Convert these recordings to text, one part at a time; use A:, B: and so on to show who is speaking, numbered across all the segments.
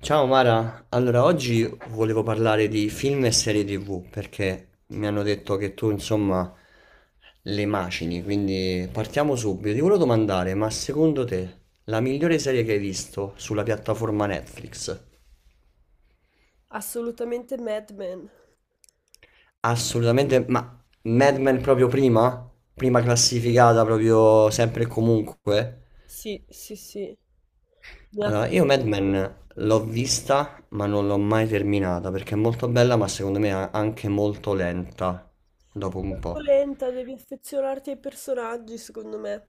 A: Ciao Mara, allora oggi volevo parlare di film e serie TV perché mi hanno detto che tu insomma le macini, quindi partiamo subito. Ti volevo domandare, ma secondo te la migliore serie che hai visto sulla piattaforma Netflix?
B: Assolutamente Mad Men.
A: Assolutamente, ma Mad Men proprio prima? Prima classificata proprio sempre e comunque?
B: Sì, sì, sì. Mi ha-
A: Allora, io Mad Men l'ho vista, ma non l'ho mai terminata perché è molto bella, ma secondo me è anche molto lenta
B: È
A: dopo un
B: molto
A: po'.
B: lenta, devi affezionarti ai personaggi, secondo me.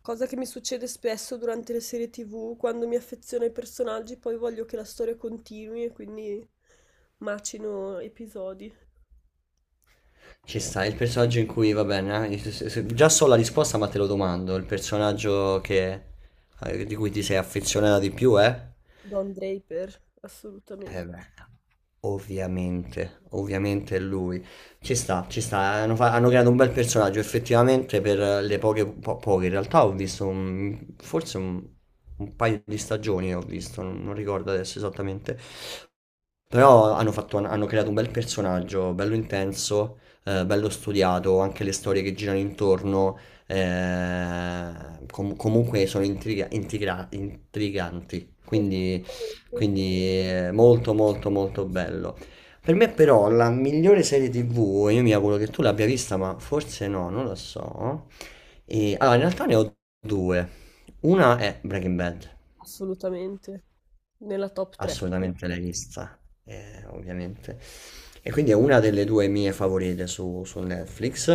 B: Cosa che mi succede spesso durante le serie TV, quando mi affeziono ai personaggi, poi voglio che la storia continui e quindi macino episodi.
A: Ci sta il personaggio in cui, va bene, già so la risposta, ma te lo domando, il personaggio che, di cui ti sei affezionata di più, eh?
B: Don Draper, assolutamente.
A: Eh beh, ovviamente, ovviamente è lui. Ci sta, ci sta. Hanno creato un bel personaggio effettivamente per le poche. In realtà ho visto forse un paio di stagioni, ho visto, non ricordo adesso esattamente. Però hanno creato un bel personaggio, bello intenso, bello studiato, anche le storie che girano intorno, eh, comunque sono intriganti,
B: Assolutamente.
A: quindi molto molto molto bello. Per me però la migliore serie TV, io mi auguro che tu l'abbia vista, ma forse no, non lo so. E, allora, in realtà ne ho due. Una è Breaking Bad.
B: Assolutamente. Nella top 3.
A: Assolutamente l'hai vista, ovviamente. E quindi è una delle due mie favorite su Netflix,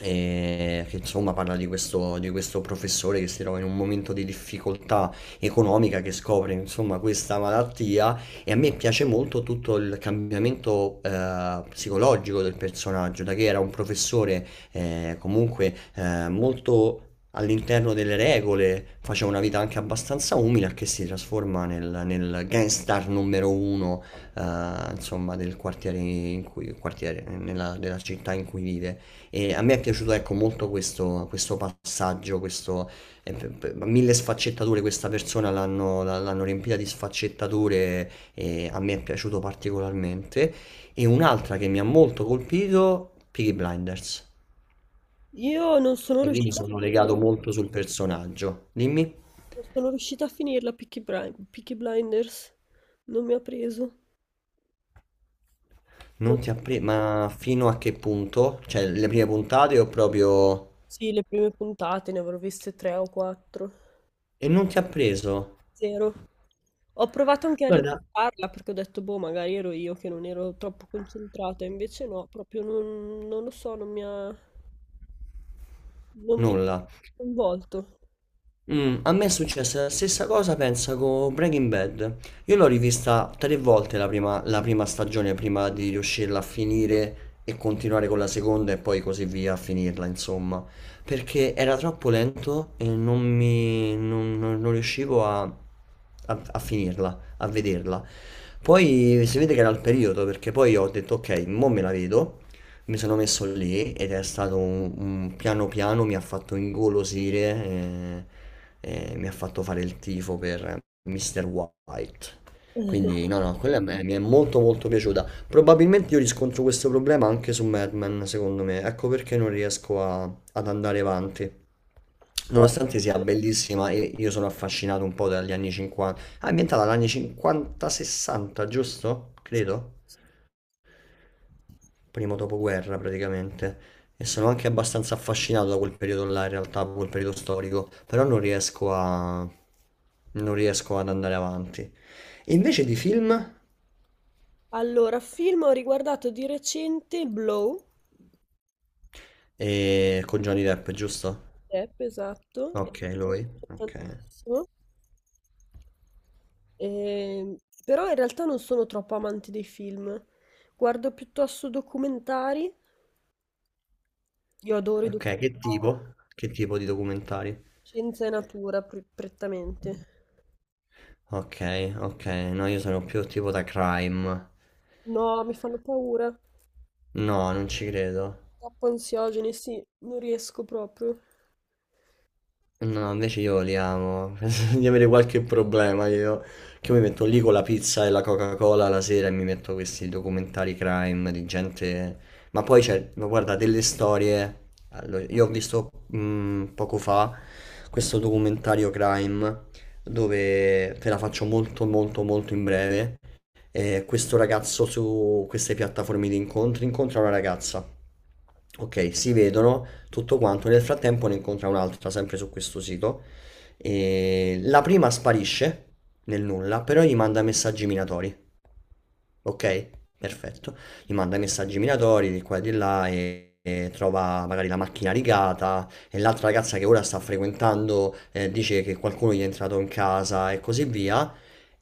A: che insomma parla di questo professore che si trova in un momento di difficoltà economica, che scopre insomma questa malattia e a me piace molto tutto il cambiamento psicologico del personaggio, da che era un professore comunque molto all'interno delle regole, faceva una vita anche abbastanza umile, a che si trasforma nel gangstar numero uno, eh, insomma, del quartiere in cui, quartiere, nella, della città in cui vive. E a me è piaciuto, ecco, molto questo, questo passaggio, questo, mille sfaccettature, questa persona l'hanno, l'hanno riempita di sfaccettature e a me è piaciuto particolarmente. E un'altra che mi ha molto colpito, Peaky Blinders.
B: Io non sono
A: E lì mi
B: riuscita a
A: sono
B: finirlo.
A: legato molto sul personaggio. Dimmi,
B: Non sono riuscita a finirla Peaky Blinders, non mi ha preso. Non
A: non ti ha
B: so.
A: preso, ma fino a che punto? Cioè, le prime puntate ho proprio...
B: Sì, le prime puntate ne avrò viste tre o quattro.
A: E non ti ha preso?
B: Zero. Ho provato anche a
A: Guarda,
B: riguardarla perché ho detto, boh, magari ero io che non ero troppo concentrata, invece no, proprio non lo so, non mi
A: nulla.
B: ha coinvolto.
A: Mm, a me è successa la stessa cosa, pensa, con Breaking Bad. Io l'ho rivista 3 volte la prima stagione prima di riuscirla a finire e continuare con la seconda e poi così via a finirla, insomma. Perché era troppo lento e non non riuscivo a a finirla, a vederla. Poi si vede che era il periodo, perché poi ho detto ok, mo me la vedo. Mi sono messo lì ed è stato piano piano mi ha fatto ingolosire e mi ha fatto fare il tifo per Mr. White. Quindi no, no, mi è molto molto piaciuta. Probabilmente io riscontro questo problema anche su Mad Men, secondo me. Ecco perché non riesco ad andare avanti.
B: Poi-
A: Nonostante sia bellissima, e io sono affascinato un po' dagli anni 50. Ah, è ambientata dagli anni 50-60, giusto? Credo primo dopoguerra praticamente, e sono anche abbastanza affascinato da quel periodo là, in realtà, da quel periodo storico, però non riesco a... non riesco ad andare avanti. E invece di film,
B: Allora, film ho riguardato di recente Blow,
A: con Johnny Depp, giusto?
B: Depp, esatto, e mi è
A: Ok, lui,
B: piaciuto
A: ok.
B: tantissimo. Ehm, però in realtà non sono troppo amante dei film. Guardo piuttosto documentari. Io adoro i
A: Ok, che
B: documentari,
A: tipo? Che tipo di documentari?
B: scienza e natura prettamente.
A: Ok, ok, no, io sono più tipo da crime.
B: No, mi fanno paura.
A: No, non ci credo.
B: Troppo ansiogeni, sì, non riesco proprio.
A: No, invece io li amo. Penso di avere qualche problema io. Che io mi metto lì con la pizza e la Coca-Cola la sera e mi metto questi documentari crime di gente. Ma poi c'è, ma guarda, delle storie. Allora, io ho visto poco fa questo documentario crime dove te la faccio molto molto molto in breve questo ragazzo su queste piattaforme di incontri incontra una ragazza. Ok, si vedono tutto quanto. Nel frattempo ne incontra un'altra, sempre su questo sito. E la prima sparisce nel nulla, però gli manda messaggi minatori. Ok, perfetto. Gli manda i messaggi minatori di qua e di là e trova magari la macchina rigata e l'altra ragazza che ora sta frequentando dice che qualcuno gli è entrato in casa e così via.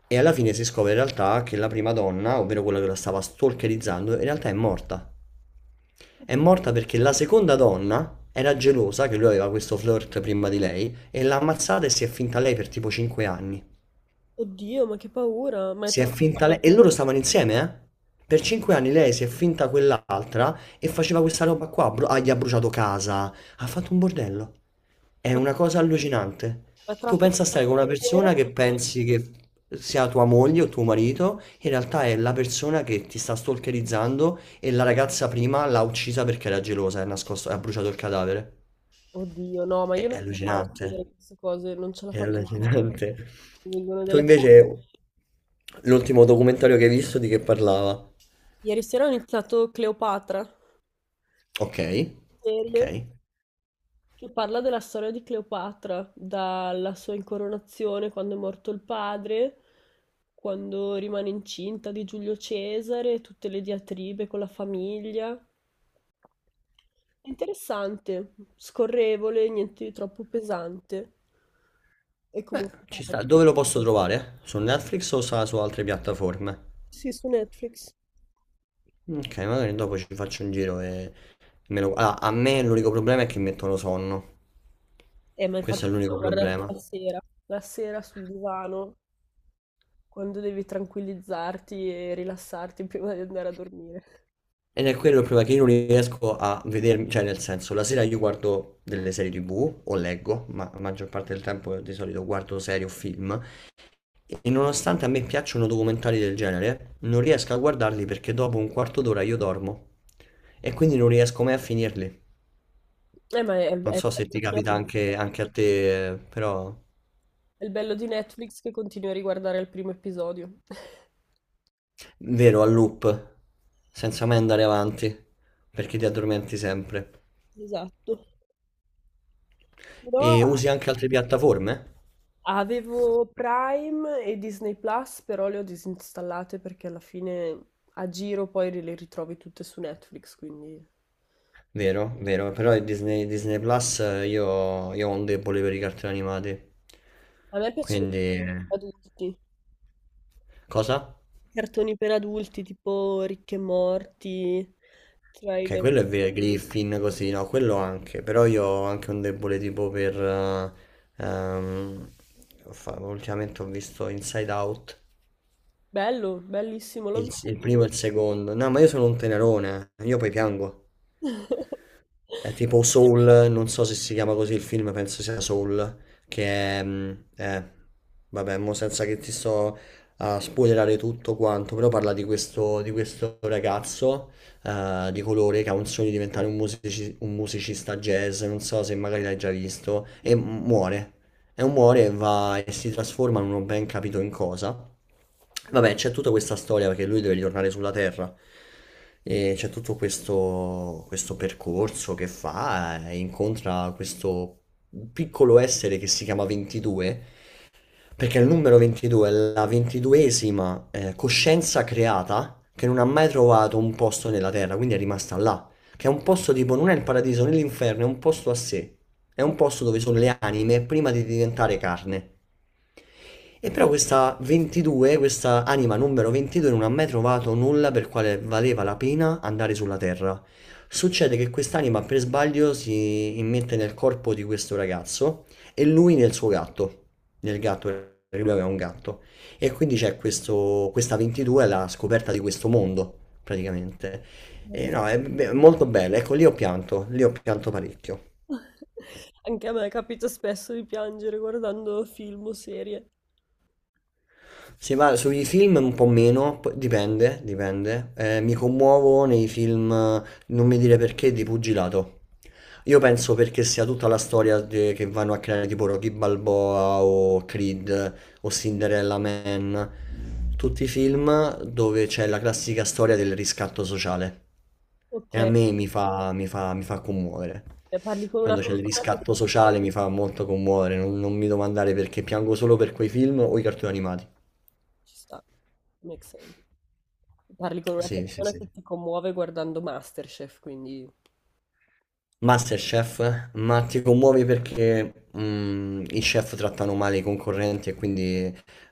A: E alla fine si scopre in realtà che la prima donna, ovvero quella che la stava stalkerizzando, in realtà è morta. È morta perché la seconda donna era gelosa che lui aveva questo flirt prima di lei e l'ha ammazzata e si è finta lei per tipo 5 anni.
B: Oddio, ma che paura!
A: Si è finta lei. E loro stavano insieme, eh? Per 5 anni lei si è finta quell'altra e faceva questa roba qua. Gli ha bruciato casa. Ha fatto un bordello. È
B: Ma,
A: una cosa allucinante.
B: ma è
A: Tu
B: tratto da
A: pensa a
B: una
A: stare con una
B: storia vera?
A: persona che pensi che sia tua moglie o tuo marito, in realtà è la persona che ti sta stalkerizzando e la ragazza prima l'ha uccisa perché era gelosa e ha bruciato il cadavere.
B: Oddio, no, ma io non
A: È
B: ce la faccio a
A: allucinante.
B: vedere queste cose, non ce la
A: È
B: faccio.
A: allucinante.
B: Mi vengono
A: Tu
B: delle...
A: invece, l'ultimo documentario che hai visto di che parlava?
B: Ieri sera ho iniziato Cleopatra,
A: Ok, ok.
B: serie. Che parla della storia di Cleopatra, dalla sua incoronazione quando è morto il padre, quando rimane incinta di Giulio Cesare, tutte le diatribe con la famiglia. È interessante, scorrevole, niente di troppo pesante. E
A: Beh,
B: comunque
A: ci
B: parla-
A: sta. Dove lo posso trovare? Su Netflix o su altre piattaforme?
B: sì, su Netflix.
A: Ok, magari dopo ci faccio un giro e me lo... Allora, a me l'unico problema è che mi mettono sonno.
B: Ma infatti
A: Questo è l'unico
B: l'ho guardato
A: problema.
B: la sera sul divano, quando devi tranquillizzarti e rilassarti prima di andare a dormire.
A: Ed è quello il problema che io non riesco a vedermi, cioè nel senso, la sera io guardo delle serie TV o leggo, ma la maggior parte del tempo di solito guardo serie o film, e nonostante a me piacciono documentari del genere, non riesco a guardarli perché dopo un quarto d'ora io dormo e quindi non riesco mai a finirli.
B: Eh, ma è,
A: Non
B: è-
A: so se ti capita anche, anche a te, però
B: È il bello di Netflix che continui a riguardare il primo episodio.
A: vero, a loop, senza mai andare avanti, perché ti addormenti sempre.
B: Esatto. Però
A: E usi anche altre piattaforme?
B: avevo Prime e Disney Plus, però le ho disinstallate perché alla fine a giro poi le ritrovi tutte su Netflix, quindi...
A: Vero, vero, però il Disney, Disney Plus io ho un debole per i cartoni animati.
B: A me piacciono
A: Quindi...
B: i adulti, i
A: Cosa?
B: cartoni per adulti tipo Ricche e Morti,
A: Ok,
B: Trailer.
A: quello è vero, Griffin così, no, quello anche, però io ho anche un debole tipo per... ehm, ultimamente ho visto Inside Out,
B: Bello, bellissimo, l'ho visto.
A: il primo e il secondo. No, ma io sono un tenerone, io poi piango. È tipo Soul, non so se si chiama così il film, penso sia Soul, che è... vabbè, mo senza che ti sto a spoilerare tutto quanto, però parla di questo ragazzo di colore che ha un sogno di diventare un musicista jazz, non so se magari l'hai già visto, e muore. E muore e va e si trasforma, non ho ben capito in cosa. Vabbè, c'è tutta questa storia perché lui deve ritornare sulla Terra. E c'è tutto questo, questo percorso che fa, e incontra questo piccolo essere che si chiama 22, perché il numero 22 è la ventiduesima coscienza creata che non ha mai trovato un posto nella terra, quindi è rimasta là. Che è un posto tipo, non è il paradiso né l'inferno, è un posto a sé. È un posto dove sono le anime prima di diventare carne. E però questa 22, questa anima numero 22 non ha mai trovato nulla per quale valeva la pena andare sulla Terra. Succede che quest'anima per sbaglio si immette nel corpo di questo ragazzo e lui nel suo gatto del gatto, perché lui aveva un gatto. E quindi c'è questo, questa 22 è la scoperta di questo mondo, praticamente. E
B: Madonna.
A: no, molto bella. Ecco, lì ho pianto parecchio.
B: Anche a me capita spesso di piangere guardando film o serie.
A: Se va sui film un po' meno, dipende, dipende. Mi commuovo nei film, non mi dire perché, di pugilato. Io penso perché sia tutta la storia che vanno a creare tipo Rocky Balboa o Creed o Cinderella Man, tutti i film dove c'è la classica storia del riscatto sociale.
B: Ok,
A: E a
B: e
A: me mi fa commuovere.
B: parli con una
A: Quando c'è il
B: persona che
A: riscatto sociale mi fa molto commuovere, non mi domandare perché piango solo per quei film o i cartoni animati.
B: ci sta, make sense. Parli con una
A: Sì, sì,
B: persona
A: sì.
B: che ti commuove guardando MasterChef, quindi...
A: Masterchef, ma ti commuovi perché i chef trattano male i concorrenti e quindi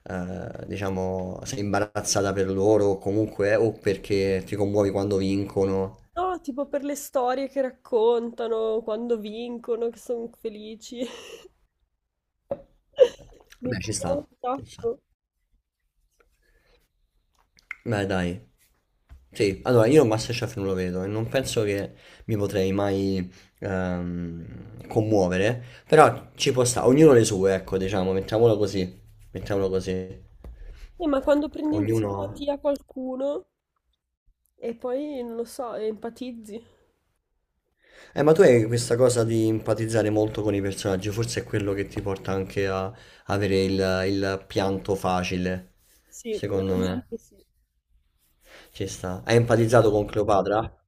A: diciamo sei imbarazzata per loro o comunque o perché ti commuovi quando vincono.
B: No, tipo per le storie che raccontano, quando vincono, che sono felici. Mi
A: Beh, ci
B: commuove un
A: sta, ci sta.
B: sacco.
A: Beh, dai. Sì, allora io Masterchef non lo vedo e non penso che mi potrei mai commuovere, però ci può stare, ognuno le sue, ecco, diciamo, mettiamolo così, mettiamolo così.
B: Ma quando prendi in
A: Ognuno...
B: simpatia qualcuno e poi, non lo so, empatizzi.
A: Ma tu hai questa cosa di empatizzare molto con i personaggi, forse è quello che ti porta anche a avere il pianto facile,
B: Sì,
A: secondo me.
B: probabilmente sì.
A: Ci sta. Hai empatizzato con Cleopatra?